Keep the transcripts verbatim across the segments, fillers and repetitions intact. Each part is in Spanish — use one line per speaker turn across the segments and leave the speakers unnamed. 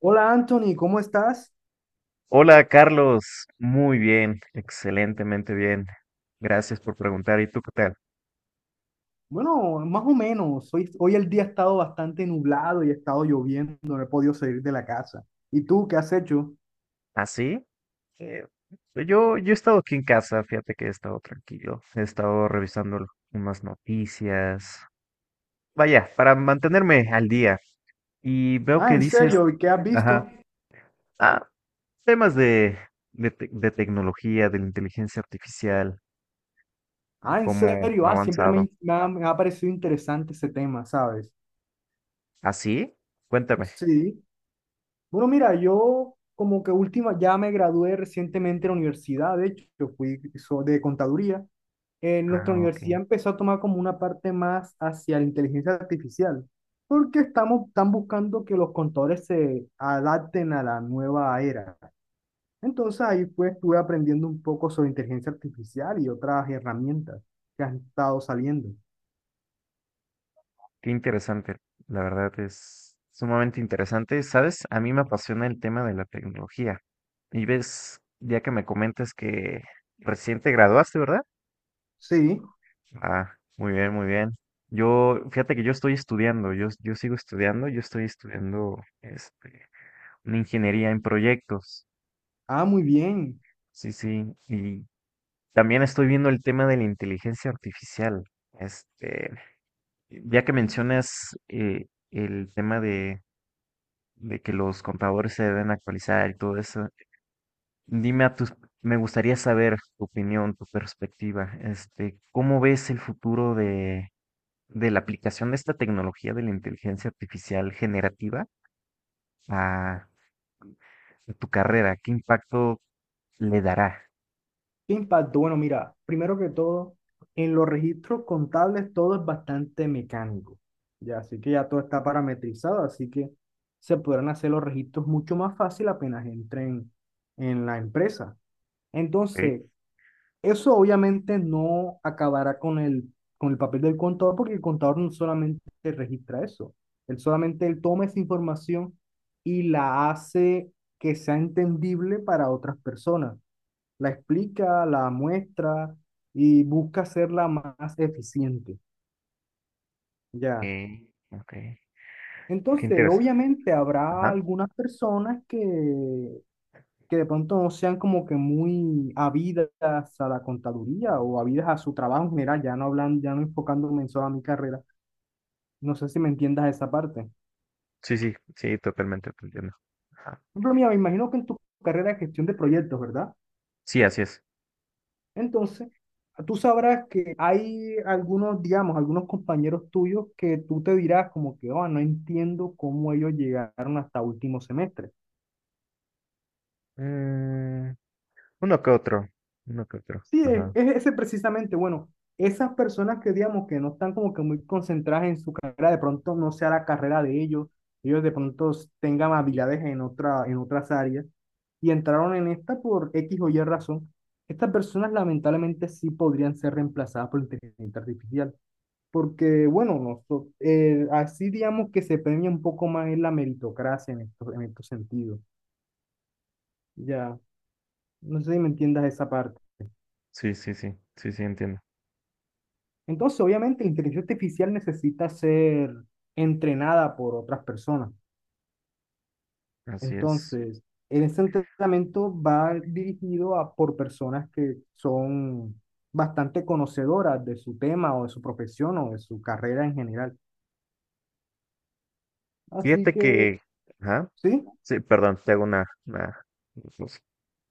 Hola Anthony, ¿cómo estás?
Hola Carlos, muy bien, excelentemente bien. Gracias por preguntar. ¿Y tú qué tal?
Bueno, más o menos. Hoy, hoy el día ha estado bastante nublado y ha estado lloviendo, no he podido salir de la casa. ¿Y tú qué has hecho?
¿Así? yo, yo he estado aquí en casa, fíjate que he estado tranquilo. He estado revisando unas noticias. Vaya, para mantenerme al día. Y veo
Ah,
que
¿en
dices,
serio? ¿Y qué has
ajá,
visto?
ah, temas de, de, te- de tecnología, de la inteligencia artificial,
Ah, ¿en
cómo
serio?
ha
Ah, siempre
avanzado.
me, me ha, me ha parecido interesante ese tema, ¿sabes?
¿Así? Cuéntame.
Sí. Bueno, mira, yo como que última, ya me gradué recientemente de la universidad, de hecho, yo fui so- de contaduría. En nuestra
Ah, ok.
universidad empezó a tomar como una parte más hacia la inteligencia artificial, porque estamos, están buscando que los contadores se adapten a la nueva era. Entonces ahí pues estuve aprendiendo un poco sobre inteligencia artificial y otras herramientas que han estado saliendo.
Qué interesante, la verdad es sumamente interesante. Sabes, a mí me apasiona el tema de la tecnología. Y ves, ya que me comentas que recién te graduaste, ¿verdad?
Sí,
Ah, muy bien, muy bien. Yo, fíjate que yo estoy estudiando, yo, yo sigo estudiando, yo estoy estudiando este, una ingeniería en proyectos.
ah, muy bien.
Sí, sí. Y también estoy viendo el tema de la inteligencia artificial. Este, ya que mencionas eh, el tema de de que los contadores se deben actualizar y todo eso. Dime a tus, me gustaría saber tu opinión, tu perspectiva, este, ¿cómo ves el futuro de, de la aplicación de esta tecnología de la inteligencia artificial generativa a, a tu carrera? ¿Qué impacto le dará?
¿Qué impacto? Bueno, mira, primero que todo, en los registros contables todo es bastante mecánico, ya, así que ya todo está parametrizado, así que se podrán hacer los registros mucho más fácil apenas entren en la empresa.
Ok,
Entonces, eso obviamente no acabará con el, con el papel del contador, porque el contador no solamente registra eso, él solamente él toma esa información y la hace que sea entendible para otras personas, la explica, la muestra y busca hacerla más eficiente,
ok,
ya.
ok. Qué
Entonces,
interesante.
obviamente habrá
Ajá.
algunas personas que, que de pronto no sean como que muy habidas a la contaduría o habidas a su trabajo en general, ya no hablan, ya no enfocándome en solo a mi carrera. No sé si me entiendas esa parte.
Sí, sí, sí, totalmente te entiendo. Ajá.
Por ejemplo, mira, me imagino que en tu carrera de gestión de proyectos, ¿verdad?
Sí, así es.
Entonces, tú sabrás que hay algunos, digamos, algunos compañeros tuyos que tú te dirás como que, oh, no entiendo cómo ellos llegaron hasta último semestre.
Mm, uno que otro, uno que otro.
Sí, es,
Ajá.
es ese precisamente, bueno, esas personas que, digamos, que no están como que muy concentradas en su carrera, de pronto no sea la carrera de ellos, ellos de pronto tengan habilidades en otra, en otras áreas y entraron en esta por X o Y razón. Estas personas lamentablemente sí podrían ser reemplazadas por inteligencia artificial. Porque, bueno, nosotros, así digamos que se premia un poco más en la meritocracia en estos, en estos sentidos. Ya, no sé si me entiendas esa parte.
Sí, sí, sí, sí, sí, entiendo.
Entonces, obviamente, la inteligencia artificial necesita ser entrenada por otras personas.
Así es.
Entonces, en ese entrenamiento va dirigido a, por personas que son bastante conocedoras de su tema o de su profesión o de su carrera en general. Así
Fíjate
que,
que, ajá,
sí,
sí, perdón, te hago una, una cosa.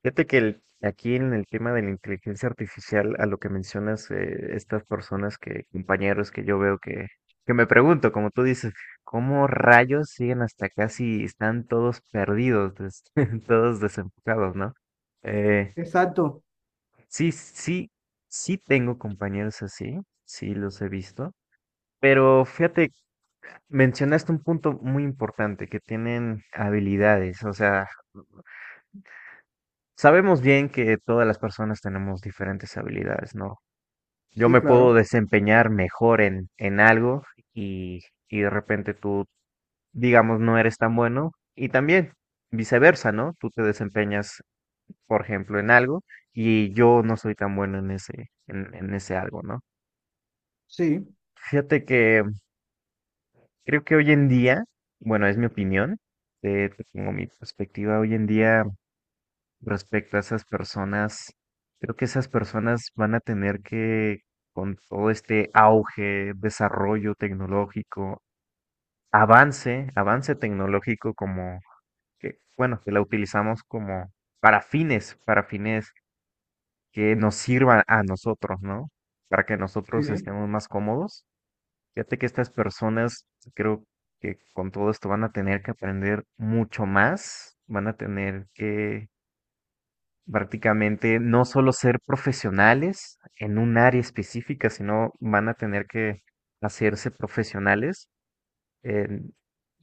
Fíjate que el- aquí en el tema de la inteligencia artificial, a lo que mencionas, eh, estas personas que, compañeros que yo veo que, que me pregunto, como tú dices, ¿cómo rayos siguen hasta casi están todos perdidos, des- todos desenfocados, ¿no? Eh,
exacto.
sí, sí, sí tengo compañeros así, sí los he visto, pero fíjate. Mencionaste un punto muy importante, que tienen habilidades, o sea, sabemos bien que todas las personas tenemos diferentes habilidades, ¿no? Yo
Sí,
me puedo
claro.
desempeñar mejor en, en algo y, y de repente tú, digamos, no eres tan bueno y también viceversa, ¿no? Tú te desempeñas, por ejemplo, en algo y yo no soy tan bueno en ese, en, en ese algo, ¿no?
Sí,
Fíjate que creo que hoy en día, bueno, es mi opinión, eh, te pongo mi perspectiva, hoy en día respecto a esas personas, creo que esas personas van a tener que, con todo este auge, desarrollo tecnológico, avance, avance tecnológico como que, bueno, que la utilizamos como para fines, para fines que nos sirvan a nosotros, ¿no? Para que nosotros
sí.
estemos más cómodos. Fíjate que estas personas, creo que con todo esto van a tener que aprender mucho más, van a tener que prácticamente no solo ser profesionales en un área específica, sino van a tener que hacerse profesionales en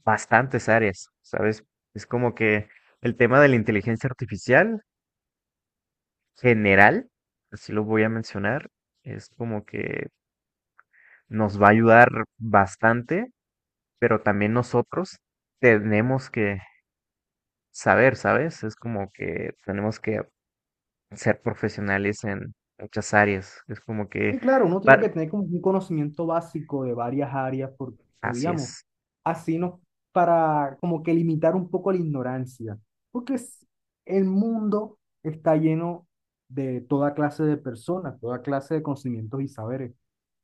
bastantes áreas, ¿sabes? Es como que el tema de la inteligencia artificial general, así lo voy a mencionar, es como que nos va a ayudar bastante, pero también nosotros tenemos que saber, ¿sabes? Es como que tenemos que ser profesionales en muchas áreas. Es como que,
Sí, claro, uno tiene
par-
que tener como un conocimiento básico de varias áreas porque,
así
digamos,
es,
así no, para como que limitar un poco la ignorancia, porque es- el mundo está lleno de toda clase de personas, toda clase de conocimientos y saberes.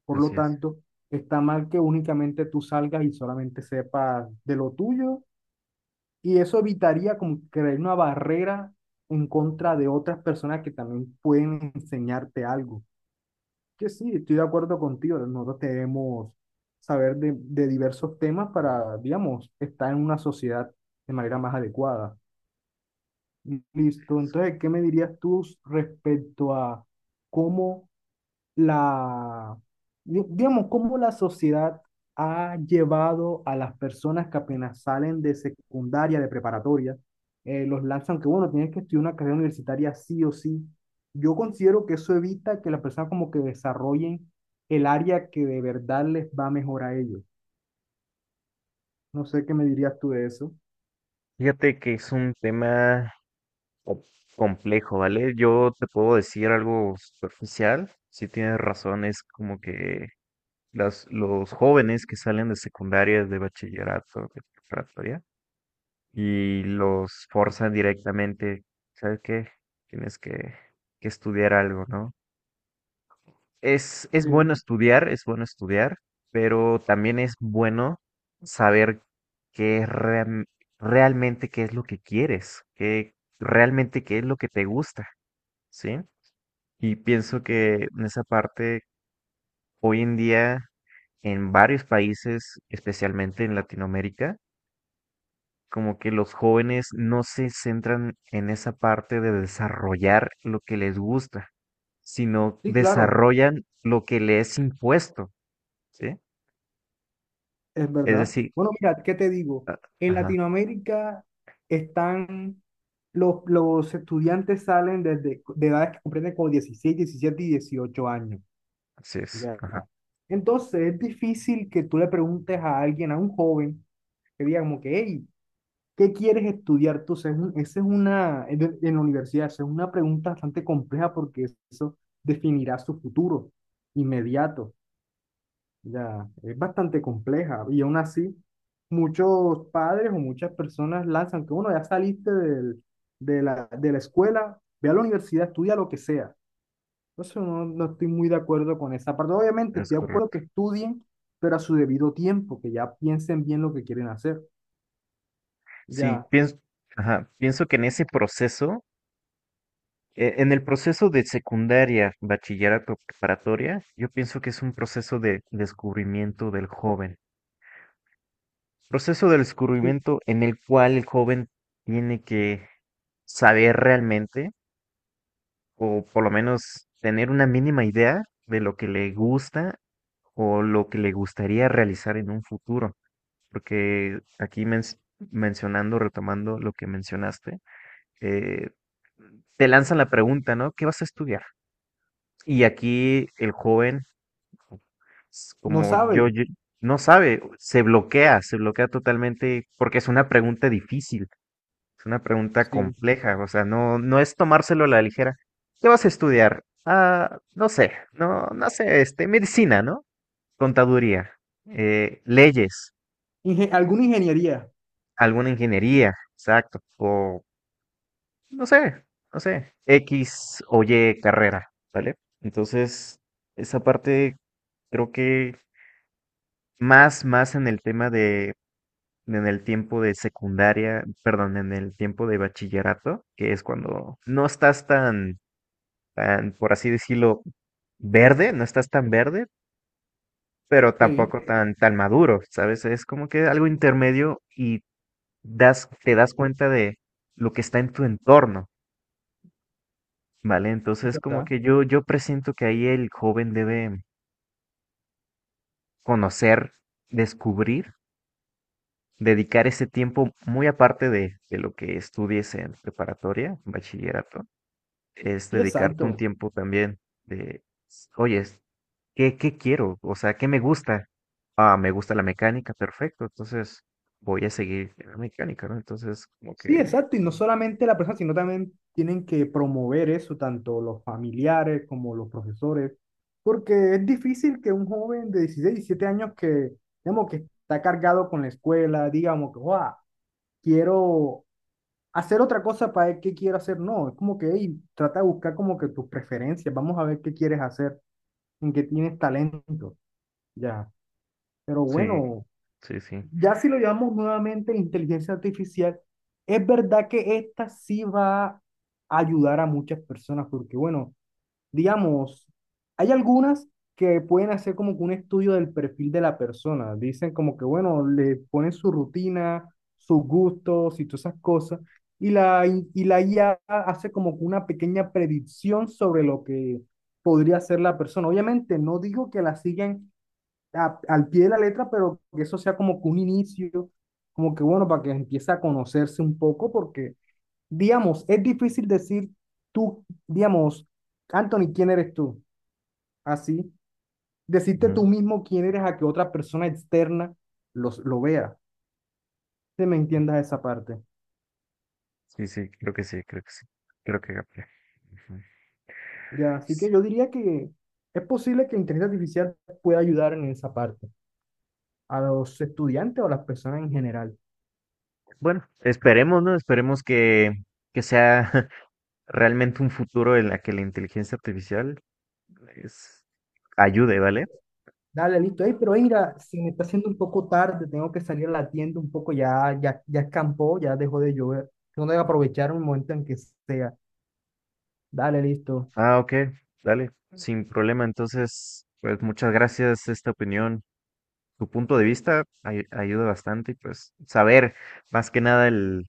Por lo
así es.
tanto, está mal que únicamente tú salgas y solamente sepas de lo tuyo y eso evitaría como crear una barrera en contra de otras personas que también pueden enseñarte algo. Que sí, estoy de acuerdo contigo, ¿no? Nosotros debemos saber de, de diversos temas para, digamos, estar en una sociedad de manera más adecuada. Listo. Entonces, ¿qué me dirías tú respecto a cómo la, di- digamos, cómo la sociedad ha llevado a las personas que apenas salen de secundaria, de preparatoria, eh, los lanzan que, bueno, tienes que estudiar una carrera universitaria sí o sí. Yo considero que eso evita que las personas como que desarrollen el área que de verdad les va mejor a ellos. No sé qué me dirías tú de eso.
Fíjate que es un tema co- complejo, ¿vale? Yo te puedo decir algo superficial, si tienes razón, es como que las, los jóvenes que salen de secundaria, de bachillerato, de preparatoria, y los forzan directamente, ¿sabes qué? Tienes que, que estudiar algo, ¿no? Es, es bueno
Sí.
estudiar, es bueno estudiar, pero también es bueno saber qué es ream- realmente qué es lo que quieres, qué realmente qué es lo que te gusta, ¿sí? Y pienso que en esa parte, hoy en día, en varios países, especialmente en Latinoamérica, como que los jóvenes no se centran en esa parte de desarrollar lo que les gusta, sino
Sí, claro.
desarrollan lo que les es impuesto, ¿sí?
Es
Es
verdad.
decir,
Bueno, mira, ¿qué te digo?
ah,
En
ajá,
Latinoamérica están, los, los estudiantes salen desde de edades que comprenden como dieciséis, diecisiete y dieciocho años.
así es,
Ya.
ajá,
Entonces es difícil que tú le preguntes a alguien, a un joven, que diga como que, hey, ¿qué quieres estudiar tú? O sea, es un- esa es una, en en la universidad, esa es una pregunta bastante compleja porque eso definirá su futuro inmediato. Ya, es bastante compleja y aún así muchos padres o muchas personas lanzan que uno ya saliste del- de la, de la escuela, ve a la universidad, estudia lo que sea. Entonces no, no estoy muy de acuerdo con esa parte. Obviamente
es
estoy de acuerdo
correcto.
que estudien, pero a su debido tiempo, que ya piensen bien lo que quieren hacer.
Sí,
Ya,
pienso, ajá, pienso que en ese proceso, e- en el proceso de secundaria, bachillerato, preparatoria, yo pienso que es un proceso de descubrimiento del joven. Proceso de
sí,
descubrimiento en el cual el joven tiene que saber realmente, o por lo menos tener una mínima idea de lo que le gusta o lo que le gustaría realizar en un futuro. Porque aquí men- mencionando, retomando lo que mencionaste, eh, te lanzan la pregunta, ¿no? ¿Qué vas a estudiar? Y aquí el joven, s-
no
como yo,
sabe,
yo- no sabe, se bloquea, se bloquea totalmente porque es una pregunta difícil, es una pregunta
sí.
compleja, o sea, no, no es tomárselo a la ligera. ¿Qué vas a estudiar? Ah, no sé, no, no sé, este, medicina, ¿no? Contaduría, eh, leyes,
Inge- alguna ingeniería,
alguna ingeniería, exacto, o no sé, no sé, X o Y carrera, ¿vale? Entonces, esa parte creo que más, más en el tema de, en el tiempo de secundaria, perdón, en el tiempo de bachillerato, que es cuando no estás tan, tan, por así decirlo, verde, no estás tan verde, pero
sí,
tampoco tan, tan maduro, ¿sabes? Es como que algo intermedio y das, te das cuenta de lo que está en tu entorno. Vale, entonces como
¿verdad?
que yo, yo presiento que ahí el joven debe conocer, descubrir, dedicar ese tiempo muy aparte de, de lo que estudies en preparatoria, bachillerato, es
Sí,
dedicarte un
exacto.
tiempo también de, oye, ¿qué, qué quiero? O sea, ¿qué me gusta? Ah, me gusta la mecánica, perfecto, entonces voy a seguir en la mecánica, ¿no? Entonces como
Sí,
que
exacto, y no solamente la persona, sino también tienen que promover eso, tanto los familiares como los profesores, porque es difícil que un joven de dieciséis diecisiete años que, digamos, que está cargado con la escuela, digamos que, "Guau, quiero hacer otra cosa para ver qué quiero hacer", no, es como que, "Ey, trata de buscar como que tus preferencias, vamos a ver qué quieres hacer, en qué tienes talento", ya. Pero
sí,
bueno,
sí, sí.
ya si lo llamamos nuevamente inteligencia artificial, es verdad que esta sí va a ayudar a muchas personas, porque bueno, digamos, hay algunas que pueden hacer como que un estudio del perfil de la persona. Dicen como que bueno, le ponen su rutina, sus gustos y todas esas cosas, y la, i- y la I A hace como que una pequeña predicción sobre lo que podría ser la persona. Obviamente, no digo que la sigan a- al pie de la letra, pero que eso sea como que un inicio, como que bueno, para que empiece a conocerse un poco, porque, digamos, es difícil decir tú, digamos, Anthony, ¿quién eres tú? Así, decirte
Ujú,
tú mismo quién eres a que otra persona externa los, lo vea, que me entiendas esa parte.
sí, sí, creo que sí, creo que sí, creo que... capté, ujú.
Ya, así que yo diría que es posible que la inteligencia artificial pueda ayudar en esa parte, a los estudiantes o a las personas en general.
Bueno, esperemos, ¿no? Esperemos que, que sea realmente un futuro en la que la inteligencia artificial es, ayude, ¿vale?
Dale, listo. Ey, pero ey, mira, se me está haciendo un poco tarde, tengo que salir a la tienda un poco, ya, ya, ya escampó, ya dejó de llover. Tengo que aprovechar un momento en que sea. Dale, listo.
Ah, ok, dale, sin problema. Entonces, pues muchas gracias esta opinión. Tu punto de vista ay- ayuda bastante y pues saber más que nada el,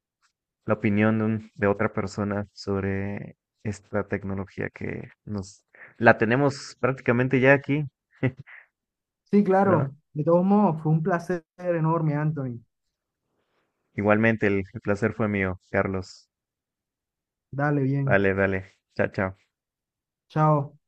la opinión de, un- de otra persona sobre esta tecnología que nos la tenemos prácticamente ya aquí,
Sí,
¿no?
claro. De todos modos, fue un placer enorme, Anthony.
Igualmente, el el placer fue mío, Carlos.
Dale, bien.
Vale, vale. Chao, chao.
Chao.